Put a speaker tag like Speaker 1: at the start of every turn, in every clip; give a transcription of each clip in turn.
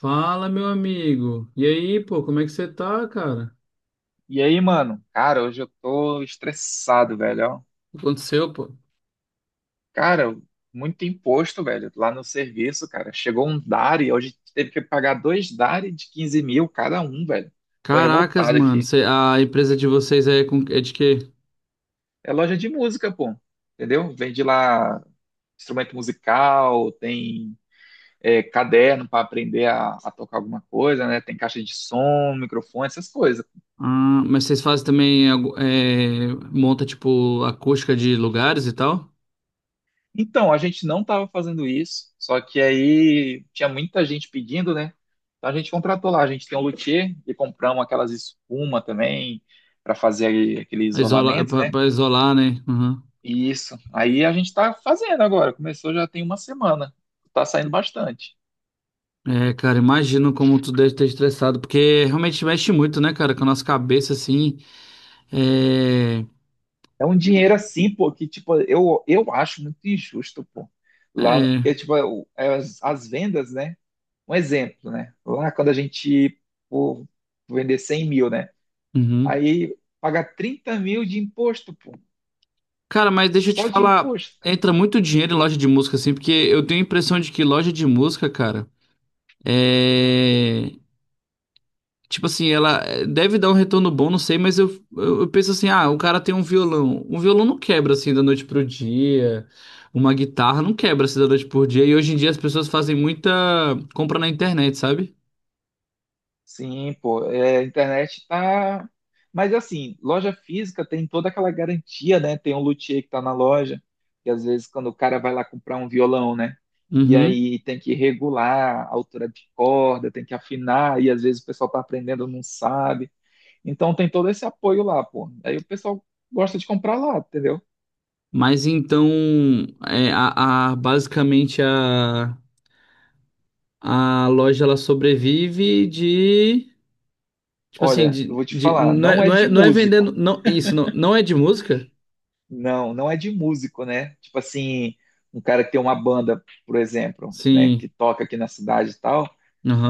Speaker 1: Fala, meu amigo. E aí, pô, como é que você tá, cara?
Speaker 2: E aí, mano? Cara, hoje eu tô estressado, velho. Ó.
Speaker 1: O que aconteceu, pô?
Speaker 2: Cara, muito imposto, velho, lá no serviço, cara. Chegou um DARI, hoje teve que pagar dois DARI de 15 mil cada um, velho. Tô
Speaker 1: Caracas,
Speaker 2: revoltado
Speaker 1: mano.
Speaker 2: aqui.
Speaker 1: A empresa de vocês é de quê?
Speaker 2: É loja de música, pô. Entendeu? Vende lá instrumento musical, tem caderno pra aprender a tocar alguma coisa, né? Tem caixa de som, microfone, essas coisas.
Speaker 1: Ah, mas vocês fazem também, monta, tipo, acústica de lugares e tal?
Speaker 2: Então, a gente não estava fazendo isso, só que aí tinha muita gente pedindo, né? Então a gente contratou lá, a gente tem um luthier e compramos aquelas espuma também para fazer aquele
Speaker 1: Pra Isola,
Speaker 2: isolamento,
Speaker 1: pra,
Speaker 2: né?
Speaker 1: pra isolar, né? Uhum.
Speaker 2: E isso. Aí a gente está fazendo agora, começou já tem uma semana. Tá saindo bastante.
Speaker 1: É, cara, imagino como tu deve ter estressado, porque realmente mexe muito, né, cara, com a nossa cabeça, assim. É...
Speaker 2: É um dinheiro assim, pô, que tipo, eu acho muito injusto, pô. Lá, porque
Speaker 1: É...
Speaker 2: tipo, é as vendas, né? Um exemplo, né? Lá quando a gente, pô, vender 100 mil, né?
Speaker 1: uhum.
Speaker 2: Aí paga 30 mil de imposto, pô.
Speaker 1: Cara, mas deixa eu te
Speaker 2: Só de
Speaker 1: falar,
Speaker 2: imposto.
Speaker 1: entra muito dinheiro em loja de música, assim, porque eu tenho a impressão de que loja de música, cara, é. Tipo assim, ela deve dar um retorno bom, não sei, mas eu penso assim, ah, o cara tem um violão. Um violão não quebra assim da noite pro dia. Uma guitarra não quebra assim da noite pro dia. E hoje em dia as pessoas fazem muita compra na internet, sabe?
Speaker 2: Sim, pô. É, a internet tá. Mas assim, loja física tem toda aquela garantia, né? Tem um luthier que tá na loja, que às vezes quando o cara vai lá comprar um violão, né? E
Speaker 1: Uhum.
Speaker 2: aí tem que regular a altura de corda, tem que afinar, e às vezes o pessoal tá aprendendo, não sabe. Então tem todo esse apoio lá, pô. Aí o pessoal gosta de comprar lá, entendeu?
Speaker 1: Mas então, basicamente a loja ela sobrevive de. Tipo assim,
Speaker 2: Olha, eu vou te falar,
Speaker 1: não
Speaker 2: não
Speaker 1: é,
Speaker 2: é
Speaker 1: não é,
Speaker 2: de
Speaker 1: não é vendendo.
Speaker 2: músico.
Speaker 1: Não, isso, não, não é de música?
Speaker 2: Não, não é de músico, né? Tipo assim, um cara que tem uma banda, por exemplo, né, que
Speaker 1: Sim.
Speaker 2: toca aqui na cidade e tal.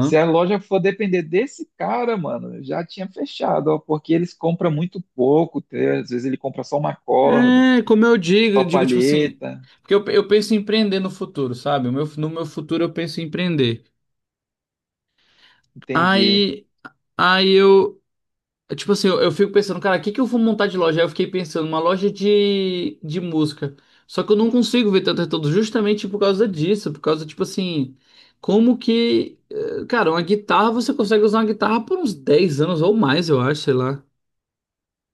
Speaker 2: Se a loja for depender desse cara, mano, já tinha fechado, ó, porque eles compram muito pouco, entendeu? Às vezes ele compra só uma corda,
Speaker 1: É, como
Speaker 2: só
Speaker 1: eu digo tipo assim.
Speaker 2: palheta,
Speaker 1: Porque eu penso em empreender no futuro, sabe? O meu, no meu futuro eu penso em empreender.
Speaker 2: entendi.
Speaker 1: Aí, aí eu, Tipo assim, eu fico pensando, cara, o que que eu vou montar de loja? Aí eu fiquei pensando, uma loja de música. Só que eu não consigo ver tanto retorno justamente por causa disso, por causa, tipo assim, como que. Cara, uma guitarra, você consegue usar uma guitarra por uns dez anos ou mais, eu acho, sei lá.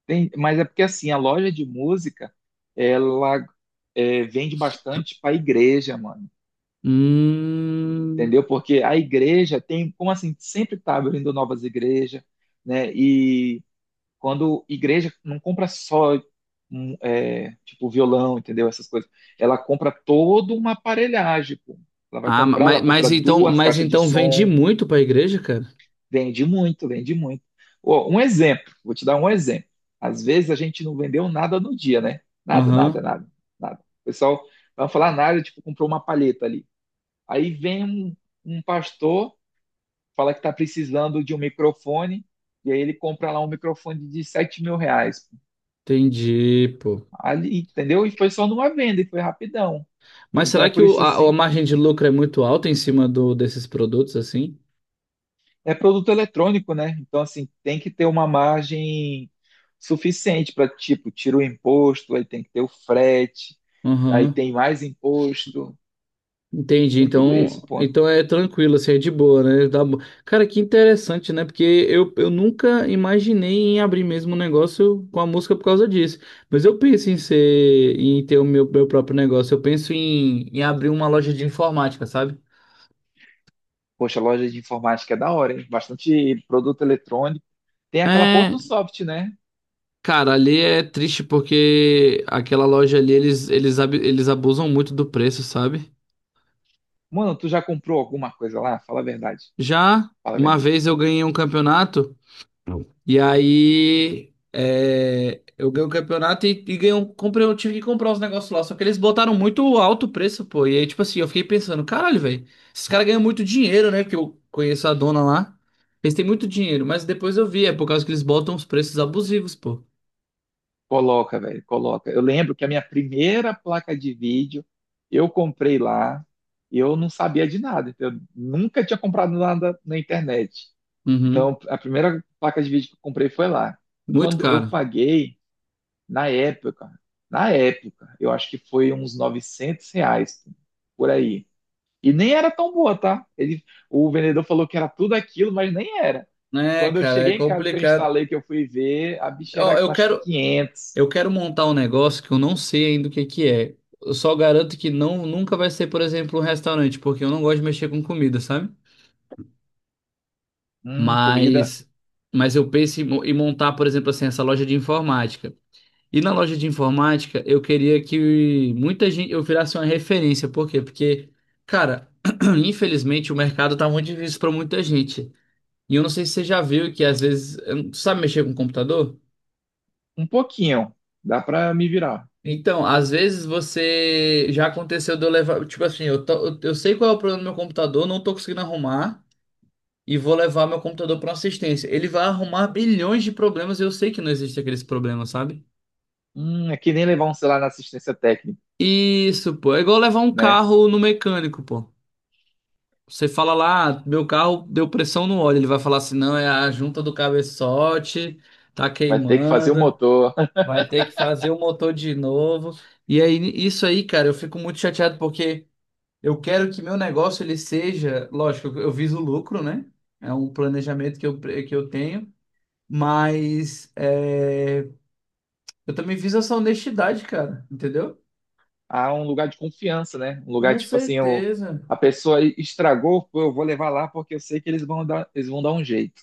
Speaker 2: Mas é porque assim, a loja de música, ela vende bastante para igreja, mano,
Speaker 1: Hum.
Speaker 2: entendeu? Porque a igreja tem, como assim, sempre tá abrindo novas igrejas, né? E quando igreja não compra só um, tipo violão, entendeu? Essas coisas. Ela compra toda uma aparelhagem, pô. Ela vai
Speaker 1: Ah,
Speaker 2: comprar, ela compra duas
Speaker 1: mas
Speaker 2: caixas de
Speaker 1: então vende
Speaker 2: som,
Speaker 1: muito pra igreja, cara?
Speaker 2: vende muito, vende muito. Ó, um exemplo, vou te dar um exemplo. Às vezes a gente não vendeu nada no dia, né? Nada, nada,
Speaker 1: Aham,
Speaker 2: nada, nada. O pessoal não vai falar nada, tipo, comprou uma palheta ali. Aí vem um pastor, fala que está precisando de um microfone, e aí ele compra lá um microfone de R$ 7 mil.
Speaker 1: entendi, pô.
Speaker 2: Ali, entendeu? E foi só numa venda e foi rapidão.
Speaker 1: Mas
Speaker 2: Então
Speaker 1: será
Speaker 2: é
Speaker 1: que
Speaker 2: por isso
Speaker 1: a
Speaker 2: assim,
Speaker 1: margem de lucro é muito alta em cima do, desses produtos assim?
Speaker 2: é produto eletrônico, né? Então assim, tem que ter uma margem suficiente para tipo, tira o imposto, aí tem que ter o frete, aí
Speaker 1: Aham.
Speaker 2: tem mais imposto,
Speaker 1: Entendi.
Speaker 2: tem tudo isso,
Speaker 1: Então,
Speaker 2: pô.
Speaker 1: então é tranquilo, assim, é de boa, né? Cara, que interessante, né? Porque eu nunca imaginei em abrir mesmo um negócio com a música por causa disso. Mas eu penso em ser, em ter o meu, meu próprio negócio. Eu penso em, em abrir uma loja de informática, sabe?
Speaker 2: Poxa, loja de informática é da hora, hein? Bastante produto eletrônico. Tem aquela
Speaker 1: É,
Speaker 2: Porto Soft, né?
Speaker 1: cara, ali é triste porque aquela loja ali eles abusam muito do preço, sabe?
Speaker 2: Mano, tu já comprou alguma coisa lá? Fala a verdade.
Speaker 1: Já
Speaker 2: Fala a
Speaker 1: uma
Speaker 2: verdade.
Speaker 1: vez eu ganhei um campeonato. E aí eu ganhei o campeonato e ganhei um, comprei, eu tive que comprar os negócios lá. Só que eles botaram muito alto o preço, pô. E aí, tipo assim, eu fiquei pensando, caralho, velho, esses caras ganham muito dinheiro, né? Porque eu conheço a dona lá. Eles têm muito dinheiro, mas depois eu vi, é por causa que eles botam os preços abusivos, pô.
Speaker 2: Coloca, velho, coloca. Eu lembro que a minha primeira placa de vídeo eu comprei lá e eu não sabia de nada. Então eu nunca tinha comprado nada na internet.
Speaker 1: Uhum.
Speaker 2: Então, a primeira placa de vídeo que eu comprei foi lá.
Speaker 1: Muito
Speaker 2: Quando eu
Speaker 1: caro.
Speaker 2: paguei, na época, na época, eu acho que foi uns R$ 900 por aí. E nem era tão boa, tá? Ele, o vendedor falou que era tudo aquilo, mas nem era.
Speaker 1: É,
Speaker 2: Quando eu
Speaker 1: cara, é
Speaker 2: cheguei em casa que eu
Speaker 1: complicado.
Speaker 2: instalei, que eu fui ver, a bicha
Speaker 1: Ó,
Speaker 2: era, eu
Speaker 1: eu
Speaker 2: acho que
Speaker 1: quero,
Speaker 2: 500.
Speaker 1: eu quero montar um negócio que eu não sei ainda o que que é. Eu só garanto que não, nunca vai ser, por exemplo, um restaurante, porque eu não gosto de mexer com comida, sabe?
Speaker 2: Comida.
Speaker 1: Mas eu penso em, em montar, por exemplo, assim, essa loja de informática. E na loja de informática, eu queria que muita gente eu virasse uma referência, por quê? Porque, cara, infelizmente o mercado tá muito difícil para muita gente. E eu não sei se você já viu que às vezes, eu não- sabe mexer com computador?
Speaker 2: Um pouquinho, dá pra me virar.
Speaker 1: Então, às vezes você já aconteceu de eu levar, tipo assim, eu sei qual é o problema do meu computador, não tô conseguindo arrumar. E vou levar meu computador para uma assistência. Ele vai arrumar bilhões de problemas e eu sei que não existe aqueles problemas, sabe?
Speaker 2: É que nem levar um celular na assistência técnica,
Speaker 1: Isso, pô. É igual levar um
Speaker 2: né?
Speaker 1: carro no mecânico, pô. Você fala lá, "Ah, meu carro deu pressão no óleo". Ele vai falar assim: não, é a junta do cabeçote, tá
Speaker 2: Vai ter que fazer o
Speaker 1: queimando,
Speaker 2: motor.
Speaker 1: vai ter que fazer o motor de novo. E aí, isso aí, cara, eu fico muito chateado porque eu quero que meu negócio ele seja, lógico, eu viso lucro, né? É um planejamento que que eu tenho, mas é, eu também fiz essa honestidade, cara, entendeu?
Speaker 2: Há um lugar de confiança, né? Um lugar
Speaker 1: Com
Speaker 2: tipo assim,
Speaker 1: certeza.
Speaker 2: a pessoa estragou, pô, eu vou levar lá porque eu sei que eles vão dar um jeito.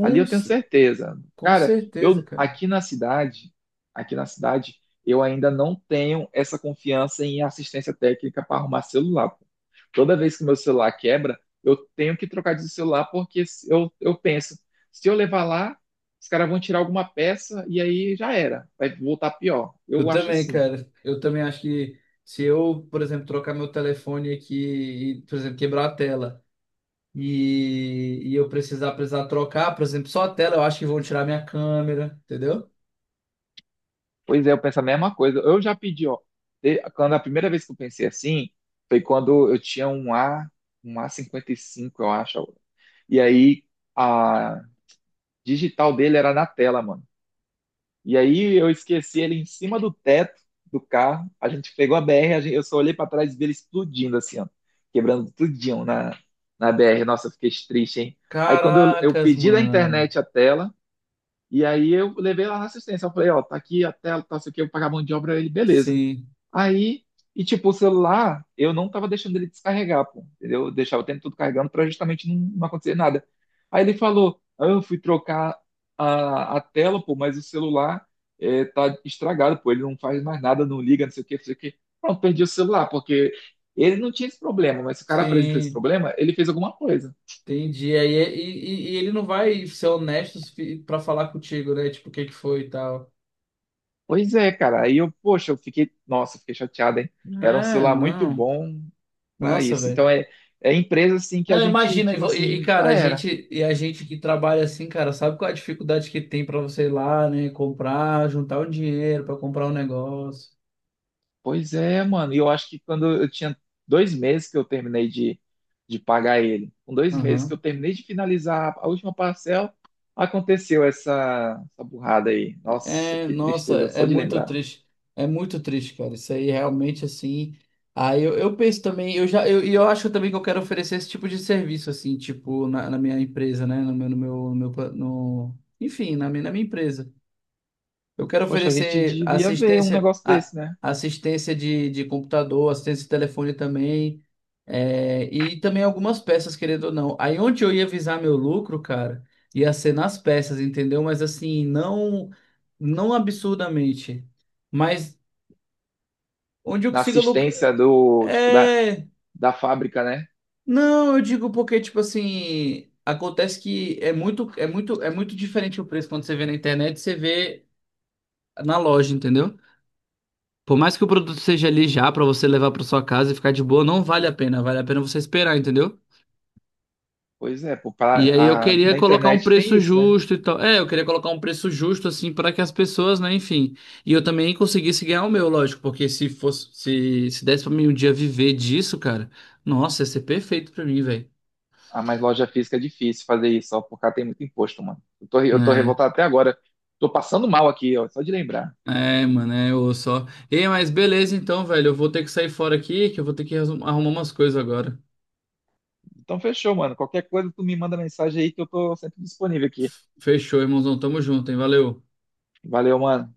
Speaker 2: Ali eu tenho
Speaker 1: ce-
Speaker 2: certeza.
Speaker 1: com
Speaker 2: Cara,
Speaker 1: certeza,
Speaker 2: eu
Speaker 1: cara.
Speaker 2: aqui na cidade, eu ainda não tenho essa confiança em assistência técnica para arrumar celular, pô. Toda vez que meu celular quebra, eu tenho que trocar de celular porque eu penso, se eu levar lá, os caras vão tirar alguma peça e aí já era, vai voltar pior.
Speaker 1: Eu
Speaker 2: Eu acho
Speaker 1: também,
Speaker 2: assim.
Speaker 1: cara. Eu também acho que se eu, por exemplo, trocar meu telefone aqui e, por exemplo, quebrar a tela e eu precisar trocar, por exemplo, só a tela, eu acho que vão tirar minha câmera, entendeu?
Speaker 2: Pois é, eu penso a mesma coisa. Eu já pedi, ó, quando a primeira vez que eu pensei assim, foi quando eu tinha um A, um a 55, eu acho. E aí a digital dele era na tela, mano. E aí eu esqueci ele em cima do teto do carro. A gente pegou a BR, eu só olhei pra trás e vi ele explodindo assim, ó, quebrando tudinho na BR. Nossa, eu fiquei triste, hein? Aí quando eu
Speaker 1: Caracas,
Speaker 2: pedi da
Speaker 1: mano.
Speaker 2: internet a tela, e aí eu levei lá na assistência. Eu falei, ó, tá aqui a tela, tá, isso que eu pagar a mão de obra. Ele, beleza.
Speaker 1: Sim,
Speaker 2: Aí, e tipo, o celular, eu não tava deixando ele descarregar, pô, entendeu? Eu deixava o tempo todo carregando pra justamente não, não acontecer nada. Aí ele falou, ah, eu fui trocar a tela, pô, mas o celular tá estragado, pô, ele não faz mais nada, não liga, não sei o que, não sei o que. Pronto, perdi o celular, porque ele não tinha esse problema, mas se o cara apresenta esse
Speaker 1: sim.
Speaker 2: problema, ele fez alguma coisa.
Speaker 1: Entendi. Aí, e ele não vai ser honesto para falar contigo, né? Tipo, o que que foi e tal.
Speaker 2: Pois é, cara. Aí eu, poxa, eu fiquei, nossa, eu fiquei chateado, hein? Era um
Speaker 1: É,
Speaker 2: celular muito
Speaker 1: não.
Speaker 2: bom pra
Speaker 1: Nossa,
Speaker 2: isso.
Speaker 1: velho.
Speaker 2: Então é empresa assim que a
Speaker 1: Não,
Speaker 2: gente,
Speaker 1: imagina,
Speaker 2: tipo assim,
Speaker 1: cara,
Speaker 2: já era.
Speaker 1: a gente que trabalha assim, cara, sabe qual é a dificuldade que tem pra você ir lá, né, comprar, juntar o dinheiro pra comprar um negócio.
Speaker 2: Pois é, mano. E eu acho que quando eu tinha 2 meses que eu terminei de pagar ele, com 2 meses que eu
Speaker 1: Aham.
Speaker 2: terminei de finalizar a última parcela, aconteceu essa burrada aí. Nossa,
Speaker 1: É,
Speaker 2: que
Speaker 1: nossa,
Speaker 2: tristeza
Speaker 1: é
Speaker 2: só de
Speaker 1: muito
Speaker 2: lembrar.
Speaker 1: triste. É muito triste, cara. Isso aí realmente assim. Aí eu penso também, eu acho também que eu quero oferecer esse tipo de serviço assim, tipo na, na minha empresa, né, no meu no meu, no meu, pa- no- enfim, na minha empresa. Eu quero
Speaker 2: Poxa, a gente
Speaker 1: oferecer
Speaker 2: devia ver um
Speaker 1: assistência,
Speaker 2: negócio desse, né?
Speaker 1: assistência de computador, assistência de telefone também, é, e também algumas peças, querendo ou não. Aí onde eu ia visar meu lucro, cara, ia ser nas peças, entendeu? Mas assim, não, não absurdamente. Mas onde eu
Speaker 2: Na
Speaker 1: consiga lucrar.
Speaker 2: assistência do, tipo, da,
Speaker 1: É.
Speaker 2: da fábrica, né?
Speaker 1: Não, eu digo porque, tipo assim, acontece que é muito diferente o preço quando você vê na internet e você vê na loja, entendeu? Por mais que o produto seja ali já pra você levar pra sua casa e ficar de boa, não vale a pena. Vale a pena você esperar, entendeu?
Speaker 2: Pois é, pô,
Speaker 1: E aí eu queria
Speaker 2: na
Speaker 1: colocar um
Speaker 2: internet tem
Speaker 1: preço
Speaker 2: isso, né?
Speaker 1: justo e tal. É, eu queria colocar um preço justo assim pra que as pessoas, né, enfim. E eu também conseguisse ganhar o meu, lógico, porque se fosse se, se desse pra mim um dia viver disso, cara, nossa, ia ser perfeito pra mim, velho.
Speaker 2: Ah, mas loja física é difícil fazer isso, ó, por cá tem muito imposto, mano. Eu tô
Speaker 1: É.
Speaker 2: revoltado até agora. Tô passando mal aqui, ó, só de lembrar.
Speaker 1: É, mano, é, eu só. Ei, mas beleza então, velho. Eu vou ter que sair fora aqui, que eu vou ter que arrumar umas coisas agora.
Speaker 2: Então fechou, mano. Qualquer coisa, tu me manda mensagem aí que eu tô sempre disponível aqui.
Speaker 1: Fechou, irmãozão. Tamo junto, hein? Valeu.
Speaker 2: Valeu, mano.